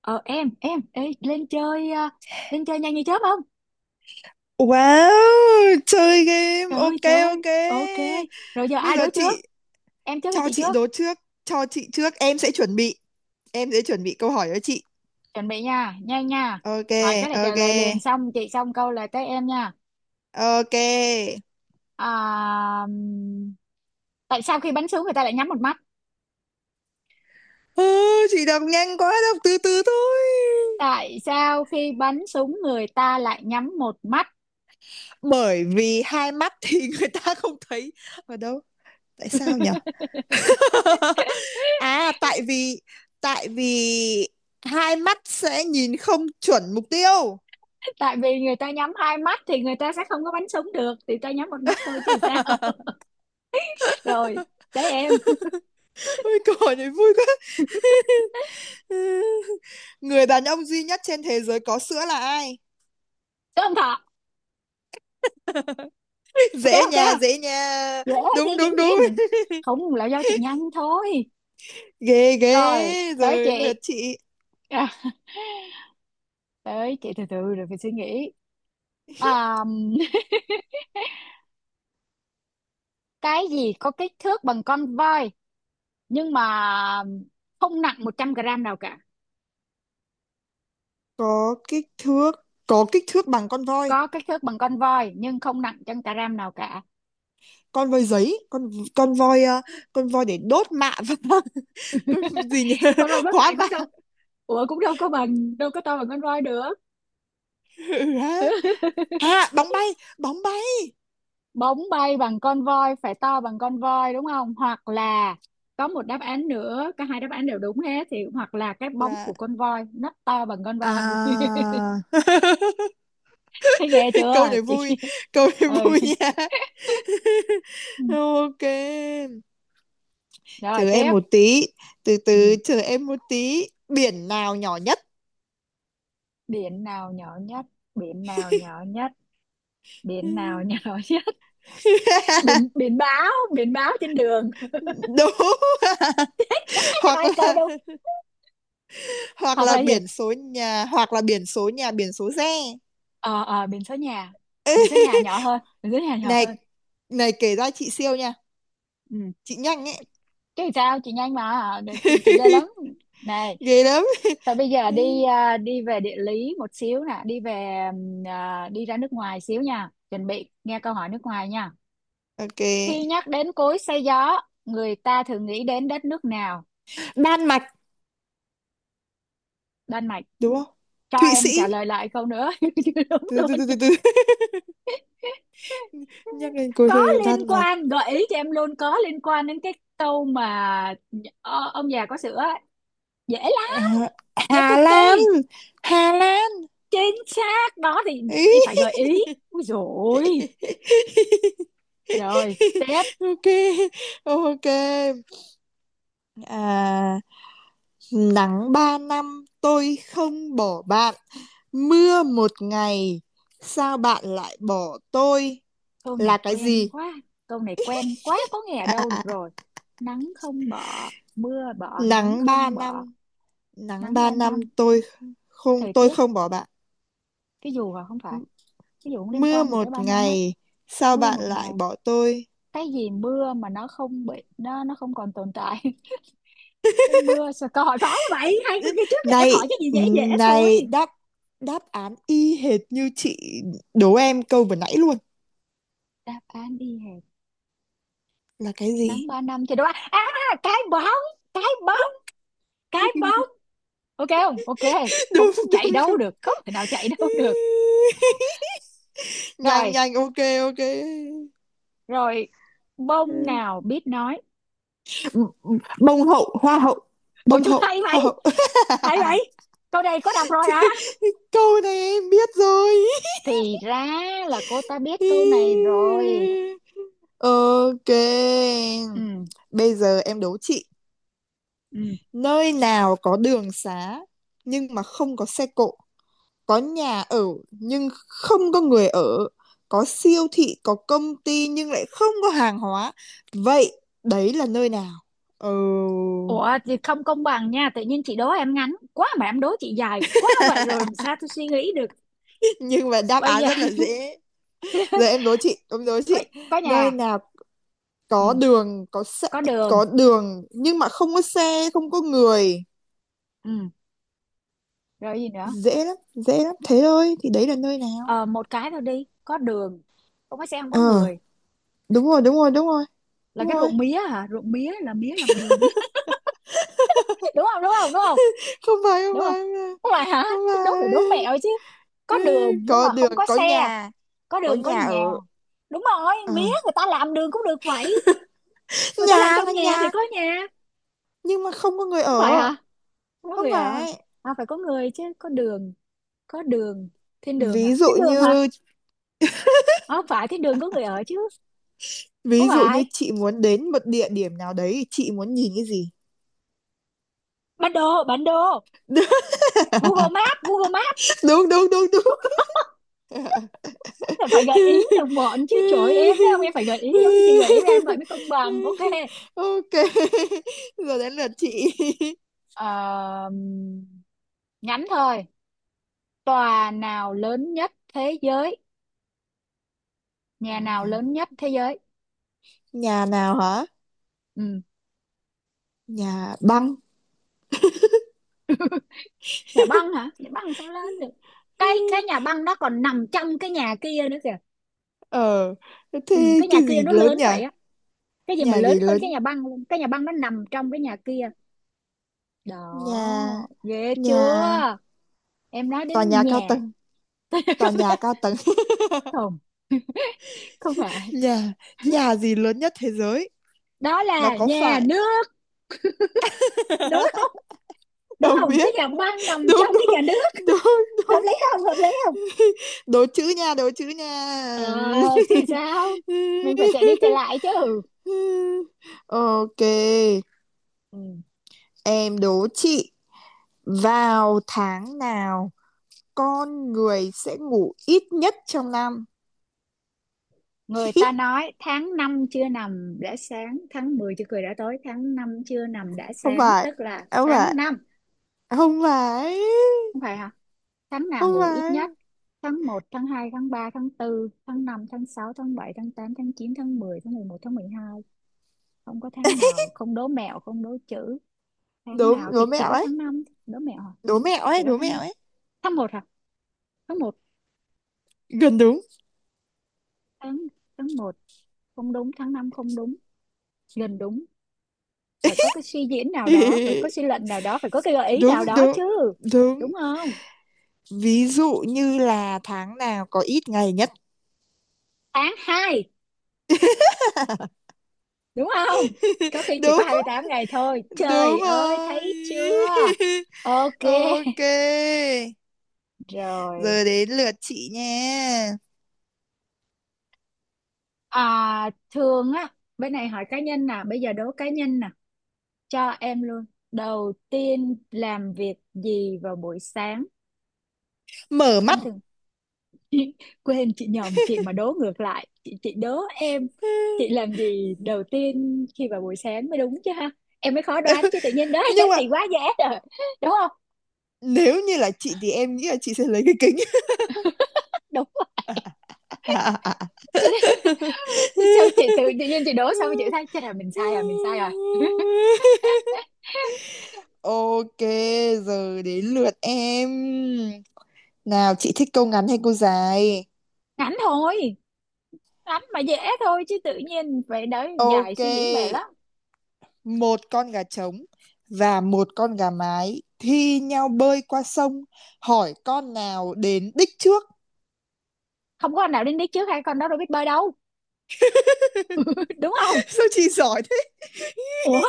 Ờ em ê, lên chơi à, lên chơi nhanh như chớp không? Wow, chơi game. Trời ơi Ok trời ơi, ok. ok. Rồi giờ Bây ai giờ đố trước? chị Em trước hay cho chị chị trước? đố trước, cho chị trước, em sẽ chuẩn bị câu hỏi cho chị. Chuẩn bị nha, nhanh nha, Ok, hỏi cái là trả ok. lời liền, xong chị xong câu là tới em nha. Ok. à, ừm, Tại sao khi bắn súng người ta lại nhắm một mắt? Ừ, chị đọc nhanh quá, đọc từ từ thôi. Tại sao khi bắn súng người ta lại nhắm một mắt? Bởi vì hai mắt thì người ta không thấy. Ở đâu? Tại sao nhở? À, tại vì hai mắt sẽ nhìn không chuẩn mục tiêu. Tại vì người ta nhắm hai mắt thì người ta sẽ không có bắn súng được, thì ta nhắm một mắt thôi chứ sao. Rồi, tới em. Ôi cỏ nhảy vui quá. Người đàn ông duy nhất trên thế giới có sữa là ai? Tới ông thọ. Ok Dễ ok, dễ nhà. dễ, Đúng, dễ dĩ đúng, đúng. nhiên, không là do chị nhanh thôi. Ghê, Rồi ghê. tới Rồi lượt chị. chị. à, Tới chị từ từ rồi phải suy nghĩ. à, cái gì có kích thước bằng con voi nhưng mà không nặng 100 g nào cả? Có có kích thước bằng con voi. Có kích thước bằng con voi nhưng không nặng trăm gram nào cả. Con voi giấy, con voi ờ, con voi để đốt mạ vàng. Con gì nhỉ? Con voi rất Hóa nặng cũng đâu, vàng. ủa cũng đâu có bằng, đâu có to bằng con voi được. Ừ, hả? À, bóng bay Bóng bay bằng con voi phải to bằng con voi đúng không, hoặc là có một đáp án nữa, cả hai đáp án đều đúng hết thì, hoặc là cái bóng là của con voi nó to bằng con voi. à. Thấy ghê Câu chưa này chị? Câu này Ừ. vui nha. Ừ. Ok, Rồi chờ em tiếp. một tí, từ Ừ. từ, chờ em một tí. Biển nào nhỏ nhất? Biển nào nhỏ nhất? Biển nào nhỏ nhất? Biển nào nhỏ nhất? biển Biển báo, biển báo trên đường. Đúng. Hoặc Hai câu là, đúng. hoặc Hoặc là là gì? biển số nhà, hoặc là biển số nhà, biển số xe. Ờ, biển số nhà, biển số nhà nhỏ hơn, biển số nhà nhỏ Này, hơn. này kể ra chị siêu nha, Ừ. chị nhanh ấy. Chứ sao, chị nhanh mà chị ghê lắm này. Ghê lắm. Thôi bây giờ đi à, đi về địa lý một xíu nè, đi về đi ra nước ngoài xíu nha, chuẩn bị nghe câu hỏi nước ngoài nha. Ok, Khi nhắc đến cối xay gió người ta thường nghĩ đến đất nước nào? Đan Mạch. Đan Mạch. Đúng không? Cho Thụy Sĩ, em trả lời lại câu nữa. Chứ đúng từ từ luôn. từ từ từ. Nhắc lên cô Có rồi, Đan liên Mạch. quan, gợi ý cho em luôn, có liên quan đến cái câu mà ông già có sữa ấy. Dễ Ờ, lắm, dễ Hà cực kỳ. Lan. Hà Lan. Chính xác đó, thì Ý. chị phải gợi ý. Ui rồi. Rồi tiếp. Ok, ok, à, nắng ba năm tôi không bỏ bạn, mưa một ngày sao bạn lại bỏ tôi, Câu là này cái quen gì? quá, câu này quen quá, có nghe ở À, đâu à, được à. rồi. Nắng không bỏ, mưa bỏ, nắng Nắng ba không bỏ. năm nắng Nắng ba ba năm năm tôi Thời tiết. không bỏ bạn, Cái dù hả? Không phải, cái dù cũng liên mưa quan gì tới một 3 năm á. ngày sao Mưa bạn một lại ngày. bỏ tôi. Cái gì mưa mà nó không bị, nó không còn tồn tại. Cái mưa sao câu hỏi khó vậy, hai câu kia trước em Này, hỏi cái gì ừ, dễ dễ thôi. này đáp, đáp án y hệt như chị, đố em câu vừa nãy luôn Đáp án y hệt. là cái gì. Nắng ba năm thì đúng, cái bóng, cái bóng, cái bóp. Ok không, ok không Đúng, chạy đúng, đúng. đâu được, không thể nào chạy đâu được. Nhanh, Rồi. nhanh. Ok, ok. Rồi. Bông Ừ. nào biết nói? Bông hậu, hoa hậu. Ôi Bông chú hậu, hay hoa vậy, hậu. hay vậy. Câu này có đọc rồi hả? Câu này em biết rồi. Thì ra là cô ta biết câu này rồi. Ok, Ừ. bây giờ em đố chị. Ừ. Nơi nào có đường xá nhưng mà không có xe cộ, có nhà ở nhưng không có người ở, có siêu thị, có công ty nhưng lại không có hàng hóa. Vậy đấy là nơi nào? Ừ. Ủa thì không công bằng nha, tự nhiên chị đố em ngắn quá mà em đố chị dài quá, vậy rồi làm sao tôi suy nghĩ được. Nhưng mà đáp Bây án giờ. rất là dễ. Giờ em đố chị, em đố có chị. có Nơi nhà. nào có Ừ, đường, có xe, có đường. có đường nhưng mà không có xe, không có người. Ừ, rồi gì nữa? Dễ lắm, dễ lắm. Thế thôi thì đấy là nơi nào? Ờ Một cái thôi đi, có đường, không có xe, không có Ờ, người. đúng rồi, đúng rồi, đúng rồi. Là Đúng cái rồi. ruộng mía hả? Ruộng mía là mía làm đường. Đúng không, đúng không, đúng không? Không phải, không Đúng không? phải, không Không phải hả? phải, không Thế đố phải đố mẹo phải. chứ. Ừ, Có đường nhưng có mà đường, không có có xe, nhà, có có đường có nhà nhà. ở. Đúng rồi, Ờ, mía người ta làm đường cũng được vậy, người ta làm nhà trong nhà thì nhà có nhà. nhưng mà không có người Không phải ở. hả? Không có Không người à? phải. À, phải có người chứ. Có đường, có đường, thiên đường hả, Ví dụ thiên đường hả? như, Không phải, thiên đường có người ở chứ. Không ví dụ phải, như chị muốn đến một địa điểm nào đấy, chị muốn nhìn cái gì? bản đồ, bản đồ, Google Maps, Google Maps. Đúng, đúng, đúng, đúng. Là phải gợi ý được bọn chứ, trời ơi, em thấy không, em phải gợi ý giống như chị Đúng. gợi ý em vậy mới công bằng. Ok. Ok, giờ đến lượt chị. Ờ, ngắn thôi. Tòa nào lớn nhất thế giới? Nhà Còn nào nào? lớn nhất thế giới? Nhà nào hả? Ừ. Nhà băng. Nhà băng hả? Nhà băng sao lớn được, cái nhà băng nó còn nằm trong cái nhà kia nữa kìa. Ờ, Ừ. thế Cái nhà cái kia gì nó lớn lớn nhỉ? vậy á, cái gì mà Nhà lớn gì hơn cái lớn? nhà băng luôn, cái nhà băng nó nằm trong cái nhà kia. Nhà, Đó. Ghê nhà, chưa. Em nói tòa đến nhà cao nhà. tầng, tòa nhà cao tầng. Không, không phải. Nhà, nhà gì lớn nhất thế giới? Đó Nó là có nhà phải? nước. Đúng không, đúng Không không, cái biết. nhà băng nằm Đúng, trong cái đúng, nhà nước. đúng, Hợp đúng. lý không, hợp lý không? Đố chữ nha, đố chữ Ờ nha. chứ sao. Mình phải chạy đi chạy lại chứ. Ok, Ừ. em đố chị. Vào tháng nào con người sẽ ngủ ít nhất trong năm? Người ta nói tháng 5 chưa nằm đã sáng, tháng 10 chưa cười đã tối. Tháng 5 chưa nằm đã Không sáng, phải, tức là không tháng phải, năm. không phải, Không phải hả? Tháng nào không ngủ ít nhất? phải. Tháng một, tháng hai, tháng ba, tháng tư, tháng năm, tháng sáu, tháng bảy, tháng tám, tháng chín, tháng mười, tháng mười một, tháng mười hai. Không có tháng nào, không đố mẹo, không đố chữ. Tháng Đố, nào thì đố chỉ mẹo có ấy, tháng năm, đố mẹo hả? đố mẹo Chỉ ấy, có đố mẹo tháng, ấy. tháng một hả? Tháng một, Gần đúng. tháng, tháng một. Không đúng, tháng 5 không đúng. Gần đúng, phải có cái suy diễn nào đó, phải có suy luận nào đó, phải có cái gợi ý Đúng, nào đó đúng, chứ. đúng. Đúng không? Ví dụ như là tháng nào có ít ngày nhất. Tháng hai, đúng không? Có khi chỉ có Đúng, 28 ngày thôi, trời đúng ơi, rồi. thấy chưa. Ok. Ok, Rồi. giờ đến lượt chị nha. Thường á, bên này hỏi cá nhân nè, bây giờ đố cá nhân nè, cho em luôn. Đầu tiên làm việc gì vào buổi sáng? Mở mắt. Em thường. Quên, chị nhầm, chị mà đố ngược lại, chị đố em. Chị làm gì đầu tiên khi vào buổi sáng mới đúng chứ ha. Em mới khó đoán chứ tự nhiên đố Nhưng em mà thì quá dễ. Rồi, đúng không? nếu như là chị thì em nghĩ là chị sẽ lấy cái kính. Đúng. Thế nên sao chị tự, tự nhiên chị đố xong chị thấy chắc là mình sai rồi, mình sai rồi. Ok, giờ đến lượt em. Nào, chị thích câu ngắn hay câu dài? Ngắn thôi, ngắn mà dễ thôi chứ, tự nhiên vậy đấy, dài Ok, suy nghĩ mệt lắm. một con gà trống và một con gà mái thi nhau bơi qua sông, hỏi con nào đến đích trước. Không có anh nào đến đích trước, hai con đó đâu biết bơi đâu. Đúng không? Sao chị giỏi thế? Ủa,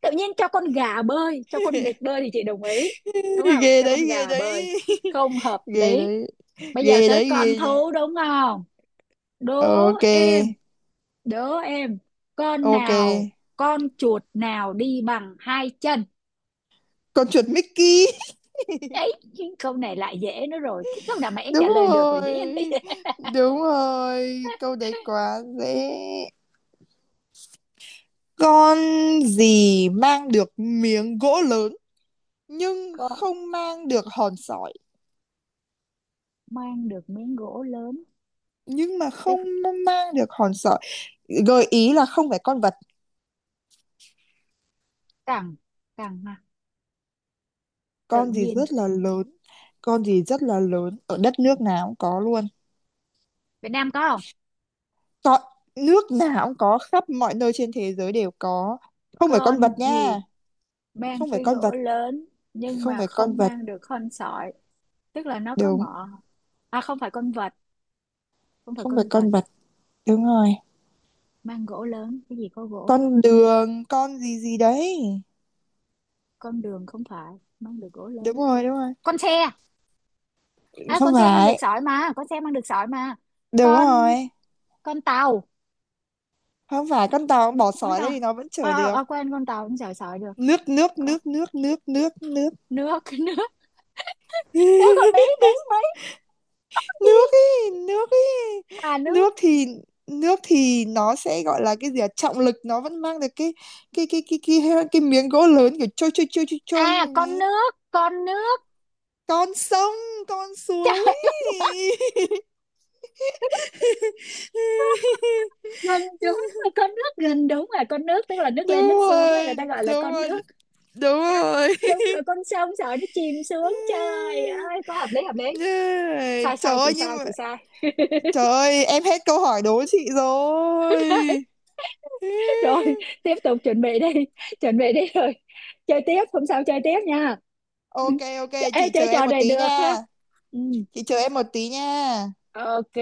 tự nhiên cho con gà bơi, cho con vịt bơi thì chị đồng ý, đúng không? Ghê Cho con đấy, ghê gà bơi, đấy. không hợp Ghê lý. đấy, Bây giờ ghê tới đấy, con ghê nha. thú đúng không? Đố Ok, em, đố em, con ok. nào, con chuột nào đi bằng hai chân? Con chuột Mickey. Ấy, câu này lại dễ nữa rồi. Cái câu nào mà em trả Đúng lời được là rồi, dĩ nhiên dễ. đúng rồi, câu đấy quá dễ. Con gì mang được miếng gỗ lớn nhưng Có, không mang được hòn sỏi, mang được miếng gỗ lớn, nhưng mà tức không mang được hòn sỏi? Gợi ý là không phải con vật. cẳng, cẳng, tự Con gì nhiên. rất là lớn, con gì rất là lớn ở đất nước nào cũng có luôn. Việt Nam có không? Có, nước nào cũng có, khắp mọi nơi trên thế giới đều có, không phải con Con vật gì nha. mang Không phải cái con gỗ vật, lớn nhưng không mà phải con không vật. mang được con sỏi, tức là nó có Đúng. mỏ. À, không phải con vật, không phải Không phải con vật. con vật, đúng rồi. Mang gỗ lớn, cái gì có gỗ? Con đường, con gì gì đấy. Con đường, không phải. Mang được gỗ Đúng lớn, rồi, đúng rồi. con xe, Không con xe mang được phải. sỏi mà, con xe mang được sỏi mà. Đúng con rồi. con tàu, Không phải con tàu, bỏ con sỏi lên tàu. thì nó vẫn chở được. Quên, con tàu không sỏi sỏi được. Nước, nước, Có, nước, nước, nước, nước, nước. nước, nước, nước của mỹ, mỹ mỹ. Nước ý, nước ý. Nước. nước thì nước thì nó sẽ gọi là cái gì à? Trọng lực nó vẫn mang được cái miếng gỗ lớn kiểu trôi trôi trôi trôi trôi như À, này con nè. nước, con nước. Con sông, con suối. Trời. Nên đúng là con nước, gần đúng là con nước, tức là nước lên nước Đúng xuống á, người rồi, ta gọi là đúng con rồi, nước. đúng rồi. Đúng rồi, con sông sợ nó chìm xuống trời ơi, có hợp lý, hợp lý. Yeah. Sai Trời sai, chị ơi nhưng sai, mà chị sai. trời ơi em hết câu hỏi đố chị rồi. Đấy. Rồi tiếp tục, chuẩn bị đi, chuẩn bị đi rồi, chơi tiếp, hôm sau chơi tiếp nha. Ok, ok, chị Ê, chơi chờ em trò một này tí được ha. nha. Ừ. Chị chờ em một tí nha. Ok,